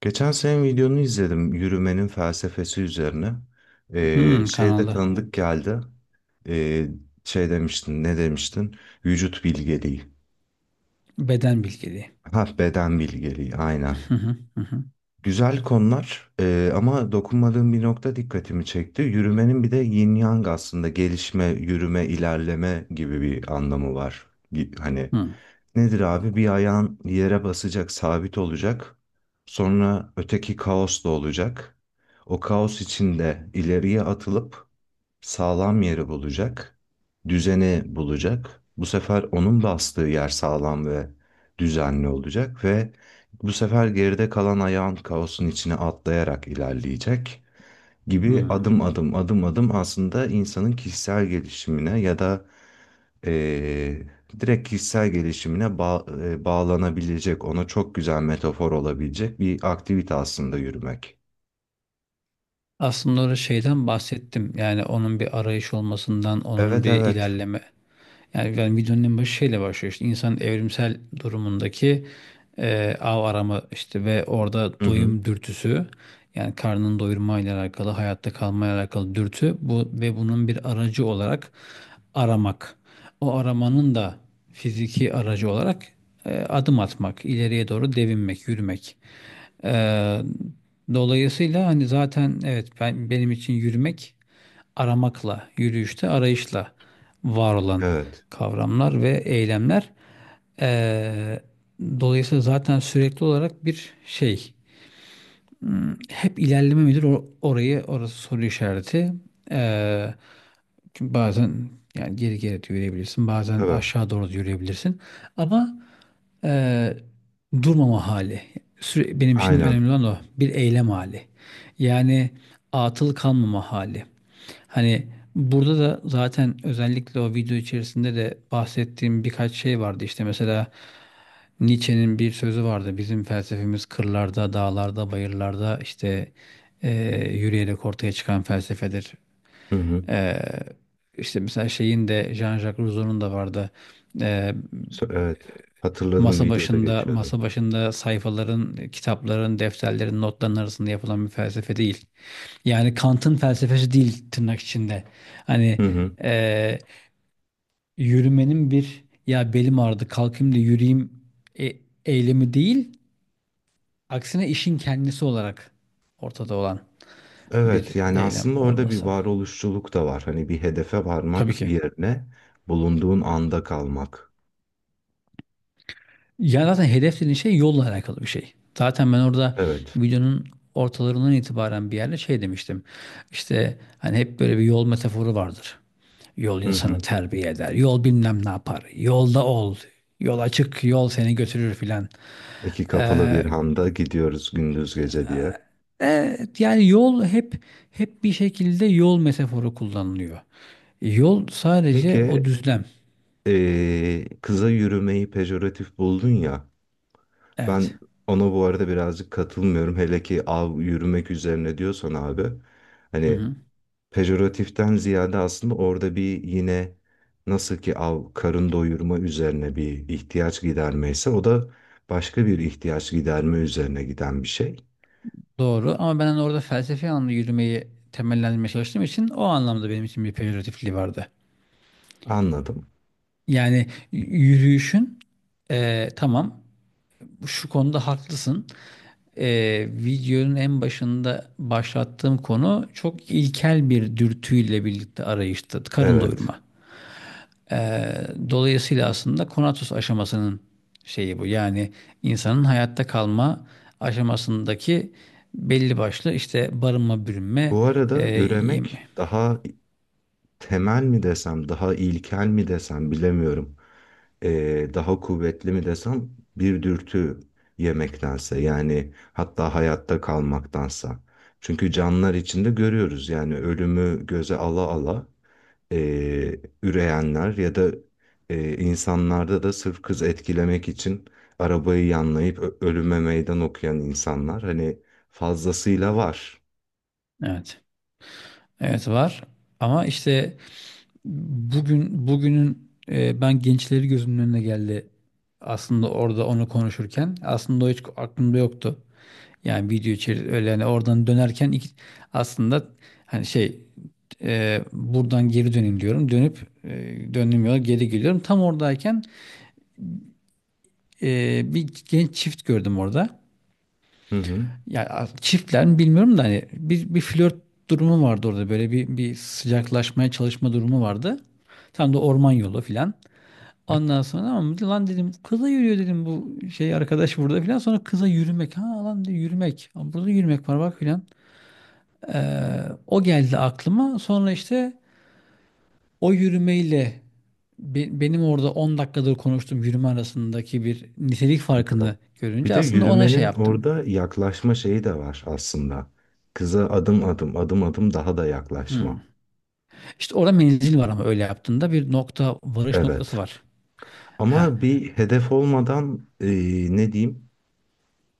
Geçen senin videonu izledim yürümenin felsefesi üzerine. Hmm, Şeyde kanalda. tanıdık geldi. Ee, Şey demiştin, ne demiştin? Vücut bilgeliği. Beden bilgeliği. Ha, beden bilgeliği, aynen. Hı hı, hı hı, Güzel konular ama dokunmadığım bir nokta dikkatimi çekti. Yürümenin bir de yin yang aslında gelişme, yürüme, ilerleme gibi bir anlamı var. Hani hı, nedir abi? Bir ayağın yere basacak, sabit olacak. Sonra öteki kaos da olacak. O kaos içinde ileriye atılıp sağlam yeri bulacak. Düzeni bulacak. Bu sefer onun bastığı yer sağlam ve düzenli olacak ve bu sefer geride kalan ayağın kaosun içine atlayarak ilerleyecek gibi hı. adım adım adım adım aslında insanın kişisel gelişimine ya da eee, direkt kişisel gelişimine bağlanabilecek, ona çok güzel metafor olabilecek bir aktivite aslında yürümek. Aslında orada şeyden bahsettim. Yani onun bir arayış olmasından, onun Evet bir evet. ilerleme. Yani videonun en başı şeyle başlıyor işte insanın evrimsel durumundaki av arama işte ve orada Hı hı. doyum dürtüsü, yani karnını doyurmayla alakalı, hayatta kalmayla alakalı dürtü bu ve bunun bir aracı olarak aramak. O aramanın da fiziki aracı olarak adım atmak, ileriye doğru devinmek, yürümek. Ee, dolayısıyla hani zaten evet, benim için yürümek aramakla, yürüyüşte arayışla var olan Evet. kavramlar ve eylemler. Ee, dolayısıyla zaten sürekli olarak bir şey. Hep ilerleme midir, orası soru işareti. Ee, çünkü bazen, yani geri geri de yürüyebilirsin, bazen Evet. aşağı doğru da yürüyebilirsin. Ama Eee, durmama hali. Süre, benim için Aynen. önemli olan o. Bir eylem hali. Yani atıl kalmama hali. Hani burada da zaten özellikle o video içerisinde de bahsettiğim birkaç şey vardı. İşte mesela Nietzsche'nin bir sözü vardı: bizim felsefemiz kırlarda, dağlarda, bayırlarda işte yürüyerek ortaya çıkan felsefedir. Hı hı. Eee işte mesela şeyin de, Jean-Jacques Rousseau'nun da vardı. E, Evet. Hatırladım, Masa videoda başında, geçiyordu. masa başında sayfaların, kitapların, defterlerin, notların arasında yapılan bir felsefe değil. Yani Kant'ın felsefesi değil, tırnak içinde. Hani Hı hı. eee, yürümenin bir "ya belim ağrıdı, kalkayım da yürüyeyim" e- eylemi değil. Aksine işin kendisi olarak ortada olan bir Evet, yani eylem aslında orada bir olması. varoluşçuluk da var. Hani bir hedefe Tabii varmak ki. yerine bulunduğun anda kalmak. Ya zaten hedef dediğin şey yolla alakalı bir şey. Zaten ben orada Evet. videonun ortalarından itibaren bir yerde şey demiştim. İşte hani hep böyle bir yol metaforu vardır. Yol Hı insanı hı. terbiye eder. Yol bilmem ne yapar. Yolda ol. Yol açık. Yol seni götürür filan. İki kapılı bir handa gidiyoruz gündüz gece diye. Evet, yani yol hep bir şekilde yol metaforu kullanılıyor. Yol sadece o Peki, düzlem. Kıza yürümeyi pejoratif buldun ya. Evet. Ben ona bu arada birazcık katılmıyorum. Hele ki av yürümek üzerine diyorsan abi. Hani pejoratiften ziyade aslında orada bir yine nasıl ki av karın doyurma üzerine bir ihtiyaç gidermeyse o da başka bir ihtiyaç giderme üzerine giden bir şey. Doğru, ama ben hani orada felsefi anlamda yürümeyi temellendirmeye çalıştığım için o anlamda benim için bir pejoratifliği vardı. Anladım. Yani yürüyüşün tamam, şu konuda haklısın. E, videonun en başında başlattığım konu çok ilkel bir dürtüyle birlikte arayıştı. Karın Evet. doyurma. E, dolayısıyla aslında konatus aşamasının şeyi bu. Yani insanın hayatta kalma aşamasındaki belli başlı işte barınma, bürünme. Bu arada üremek daha temel mi desem, daha ilkel mi desem bilemiyorum. Daha kuvvetli mi desem bir dürtü yemektense yani hatta hayatta kalmaktansa. Çünkü canlılar içinde görüyoruz yani ölümü göze ala ala üreyenler ya da insanlarda da sırf kız etkilemek için arabayı yanlayıp ölüme meydan okuyan insanlar hani fazlasıyla var. Evet. Evet var. Ama işte bugünün ben gençleri gözümün önüne geldi. Aslında orada onu konuşurken aslında o hiç aklımda yoktu. Yani video içeri öyle, yani oradan dönerken aslında hani şey, buradan geri döneyim diyorum. Dönüp döndüğüm yola geri geliyorum. Tam oradayken bir genç çift gördüm orada. Hı hı. Ya çiftler mi bilmiyorum da hani bir flört durumu vardı orada, böyle bir sıcaklaşmaya çalışma durumu vardı. Tam da orman yolu filan. Ondan sonra "ama lan," dedim, "kıza yürüyor," dedim, "bu şey arkadaş burada" filan. Sonra kıza yürümek, ha lan, de yürümek. Aa, burada yürümek var bak filan. Ee, o geldi aklıma. Sonra işte o yürümeyle benim orada 10 dakikadır konuştuğum yürüme arasındaki bir nitelik Anladım. farkını Bir görünce de aslında ona şey yürümenin yaptım. orada yaklaşma şeyi de var aslında. Kıza adım adım, adım adım daha da yaklaşma. Hmm. İşte orada menzil var, ama öyle yaptığında bir nokta, varış noktası Evet. var. Ha. Ama bir hedef olmadan ne diyeyim?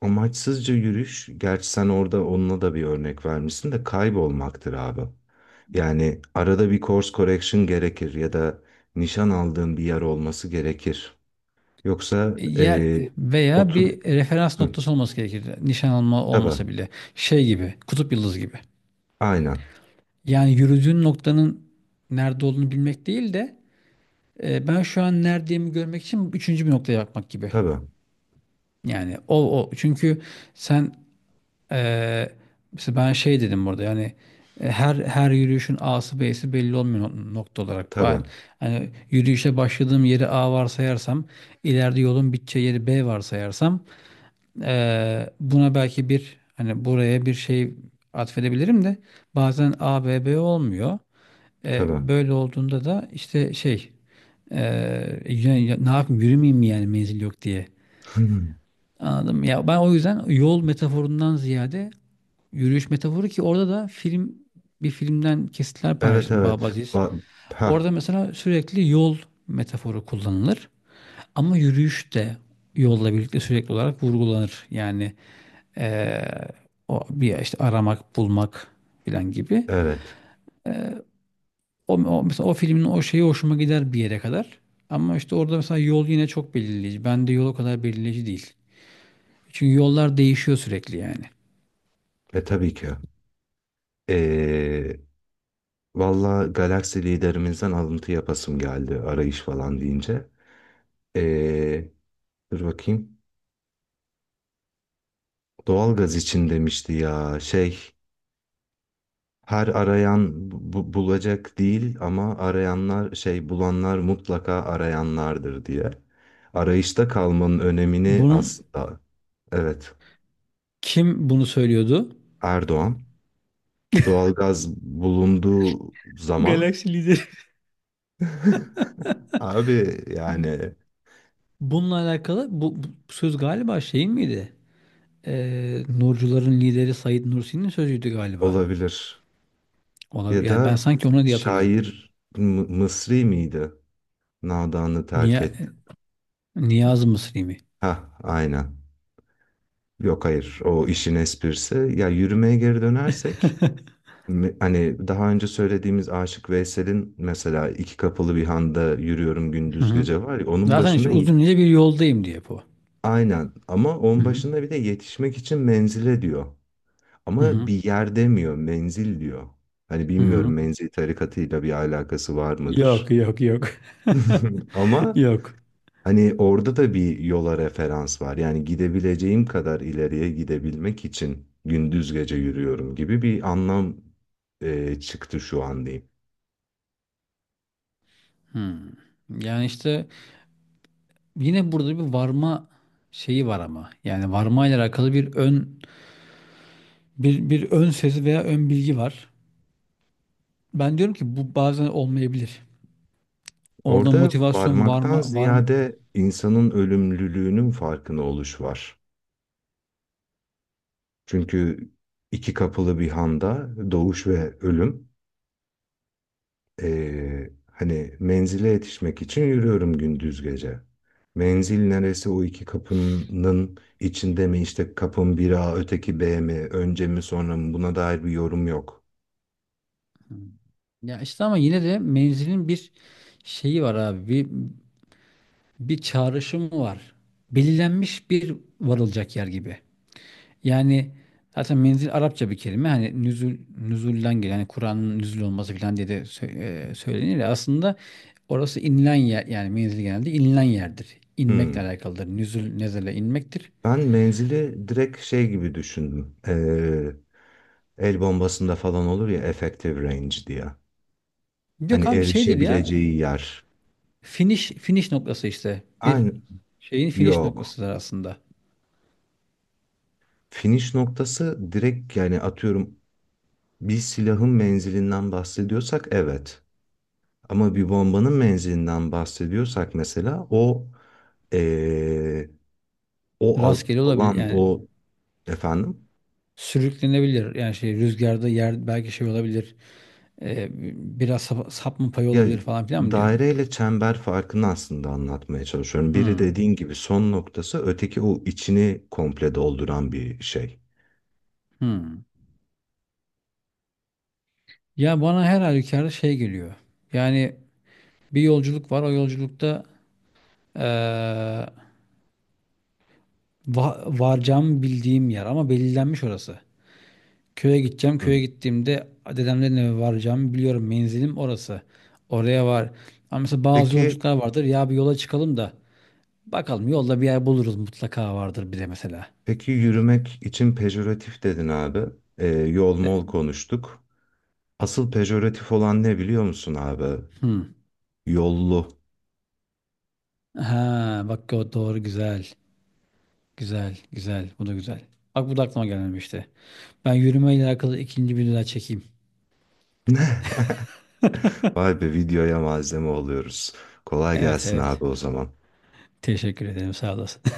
Amaçsızca yürüyüş, gerçi sen orada onunla da bir örnek vermişsin de kaybolmaktır abi. Yani arada bir course correction gerekir ya da nişan aldığın bir yer olması gerekir. Yoksa yer veya otur. bir referans Hı, noktası olması gerekir. Nişan alma olmasa tabii, bile şey gibi, kutup yıldızı gibi. aynen, Yani yürüdüğün noktanın nerede olduğunu bilmek değil de, ben şu an neredeyimi görmek için üçüncü bir noktaya bakmak gibi. tabii, Yani o çünkü sen Ee, mesela ben şey dedim burada, yani, her yürüyüşün A'sı B'si belli olmuyor nokta olarak. tabii, Ben hani yürüyüşe başladığım yeri A varsayarsam, ileride yolun biteceği yeri B varsayarsam, buna belki bir, hani buraya bir şey atfedebilirim de, bazen A B olmuyor. Tabii. Böyle olduğunda da işte şey, e, ne yapayım, yürümeyeyim mi yani menzil yok diye? Anladım. Ya ben o yüzden yol metaforundan ziyade yürüyüş metaforu, ki orada da bir filmden kesitler Evet paylaştım, evet. babaziz. Orada Ha, mesela sürekli yol metaforu kullanılır. Ama yürüyüş de yolla birlikte sürekli olarak vurgulanır. Yani eee, o bir işte aramak, bulmak filan gibi. evet. Mesela o filmin o şeyi hoşuma gider bir yere kadar. Ama işte orada mesela yol yine çok belirleyici. Bende yol o kadar belirleyici değil. Çünkü yollar değişiyor sürekli yani. Tabii ki. Ee, Valla Galaxy liderimizden alıntı yapasım geldi arayış falan deyince. Ee, Dur bakayım. Doğalgaz için demişti ya, şey, her arayan bulacak değil ama arayanlar şey bulanlar mutlaka arayanlardır diye. Arayışta kalmanın önemini Bunun. aslında, evet, Kim bunu söylüyordu? Erdoğan doğalgaz bulunduğu zaman. Galaksi lideri. Abi yani Bununla alakalı bu söz galiba şeyin miydi? Nurcuların lideri Said Nursi'nin sözüydü galiba. olabilir. Ona, Ya yani ben da sanki ona diye hatırlıyorum. şair Mısri miydi? Nadanı terk etti. Niye, Niyaz Mısri mi? Ha, aynen. Yok, hayır, o işin esprisi. Ya, yürümeye geri dönersek hani daha önce söylediğimiz Aşık Veysel'in mesela iki kapılı bir handa yürüyorum Hı gündüz hı. gece var ya, onun Zaten işte başında uzun ince bir yoldayım diye bu. aynen, ama Hı onun hı. başında bir de yetişmek için menzile diyor. Hı Ama hı. bir yer demiyor, menzil diyor. Hani Hı bilmiyorum, hı. menzil tarikatıyla bir alakası var Yok mıdır? yok yok. Ama Yok. hani orada da bir yola referans var. Yani gidebileceğim kadar ileriye gidebilmek için gündüz gece yürüyorum gibi bir anlam çıktı şu an diyeyim. Hmm. Yani işte yine burada bir varma şeyi var ama. Yani varma ile alakalı bir ön, bir ön sezi veya ön bilgi var. Ben diyorum ki bu bazen olmayabilir. Orada Orada motivasyon var varmaktan mı? Var mı? ziyade insanın ölümlülüğünün farkına oluş var. Çünkü iki kapılı bir handa doğuş ve ölüm. Hani menzile yetişmek için yürüyorum gündüz gece. Menzil neresi, o iki kapının içinde mi, işte kapın biri A öteki B mi, önce mi sonra mı, buna dair bir yorum yok. Ya işte, ama yine de menzilin bir şeyi var abi. Bir çağrışımı var. Belirlenmiş bir varılacak yer gibi. Yani zaten menzil Arapça bir kelime. Hani nüzul, nüzulden gelen, yani Kur'an'ın nüzul olması falan diye de söylenir ya. Aslında orası inilen yer. Yani menzil genelde inilen yerdir. İnmekle Hmm. alakalıdır. Nüzul, nezele inmektir. Ben menzili direkt şey gibi düşündüm. El bombasında falan olur ya, effective range diye. Hani Yok abi şeydir ya, erişebileceği yer. finish noktası işte. Bir Aynı şeyin finish yok. noktasıdır aslında. Finish noktası direkt yani atıyorum, bir silahın menzilinden bahsediyorsak evet. Ama bir bombanın menzilinden bahsediyorsak mesela o eee, o Rastgele olabilir, alan yani o efendim, sürüklenebilir. Yani şey, rüzgarda yer belki şey olabilir. Ee, biraz sapma payı ya, olabilir falan filan mı diyor? daireyle çember farkını aslında anlatmaya çalışıyorum. Biri Hmm, dediğin gibi son noktası, öteki o içini komple dolduran bir şey. hmm. Ya bana her halükarda şey geliyor. Yani bir yolculuk var. O yolculukta ee, varacağımı bildiğim yer, ama belirlenmiş orası. Köye gideceğim. Köye Hı. gittiğimde dedemlerin eve varacağımı biliyorum. Menzilim orası. Oraya var. Ama mesela bazı Peki, yolculuklar vardır. Ya bir yola çıkalım da bakalım, yolda bir yer buluruz, mutlaka vardır bir de mesela. Peki yürümek için pejoratif dedin abi. Yol mol De- konuştuk. Asıl pejoratif olan ne biliyor musun abi? Hmm. Yollu. Ha bak, o doğru, güzel. Güzel, güzel. Bu da güzel. Bak, bu da aklıma gelmemişti. Ben yürümeyle alakalı ikinci bir daha çekeyim. Vay be, videoya malzeme oluyoruz. Kolay Evet gelsin evet. abi o zaman. Teşekkür ederim. Sağ olasın.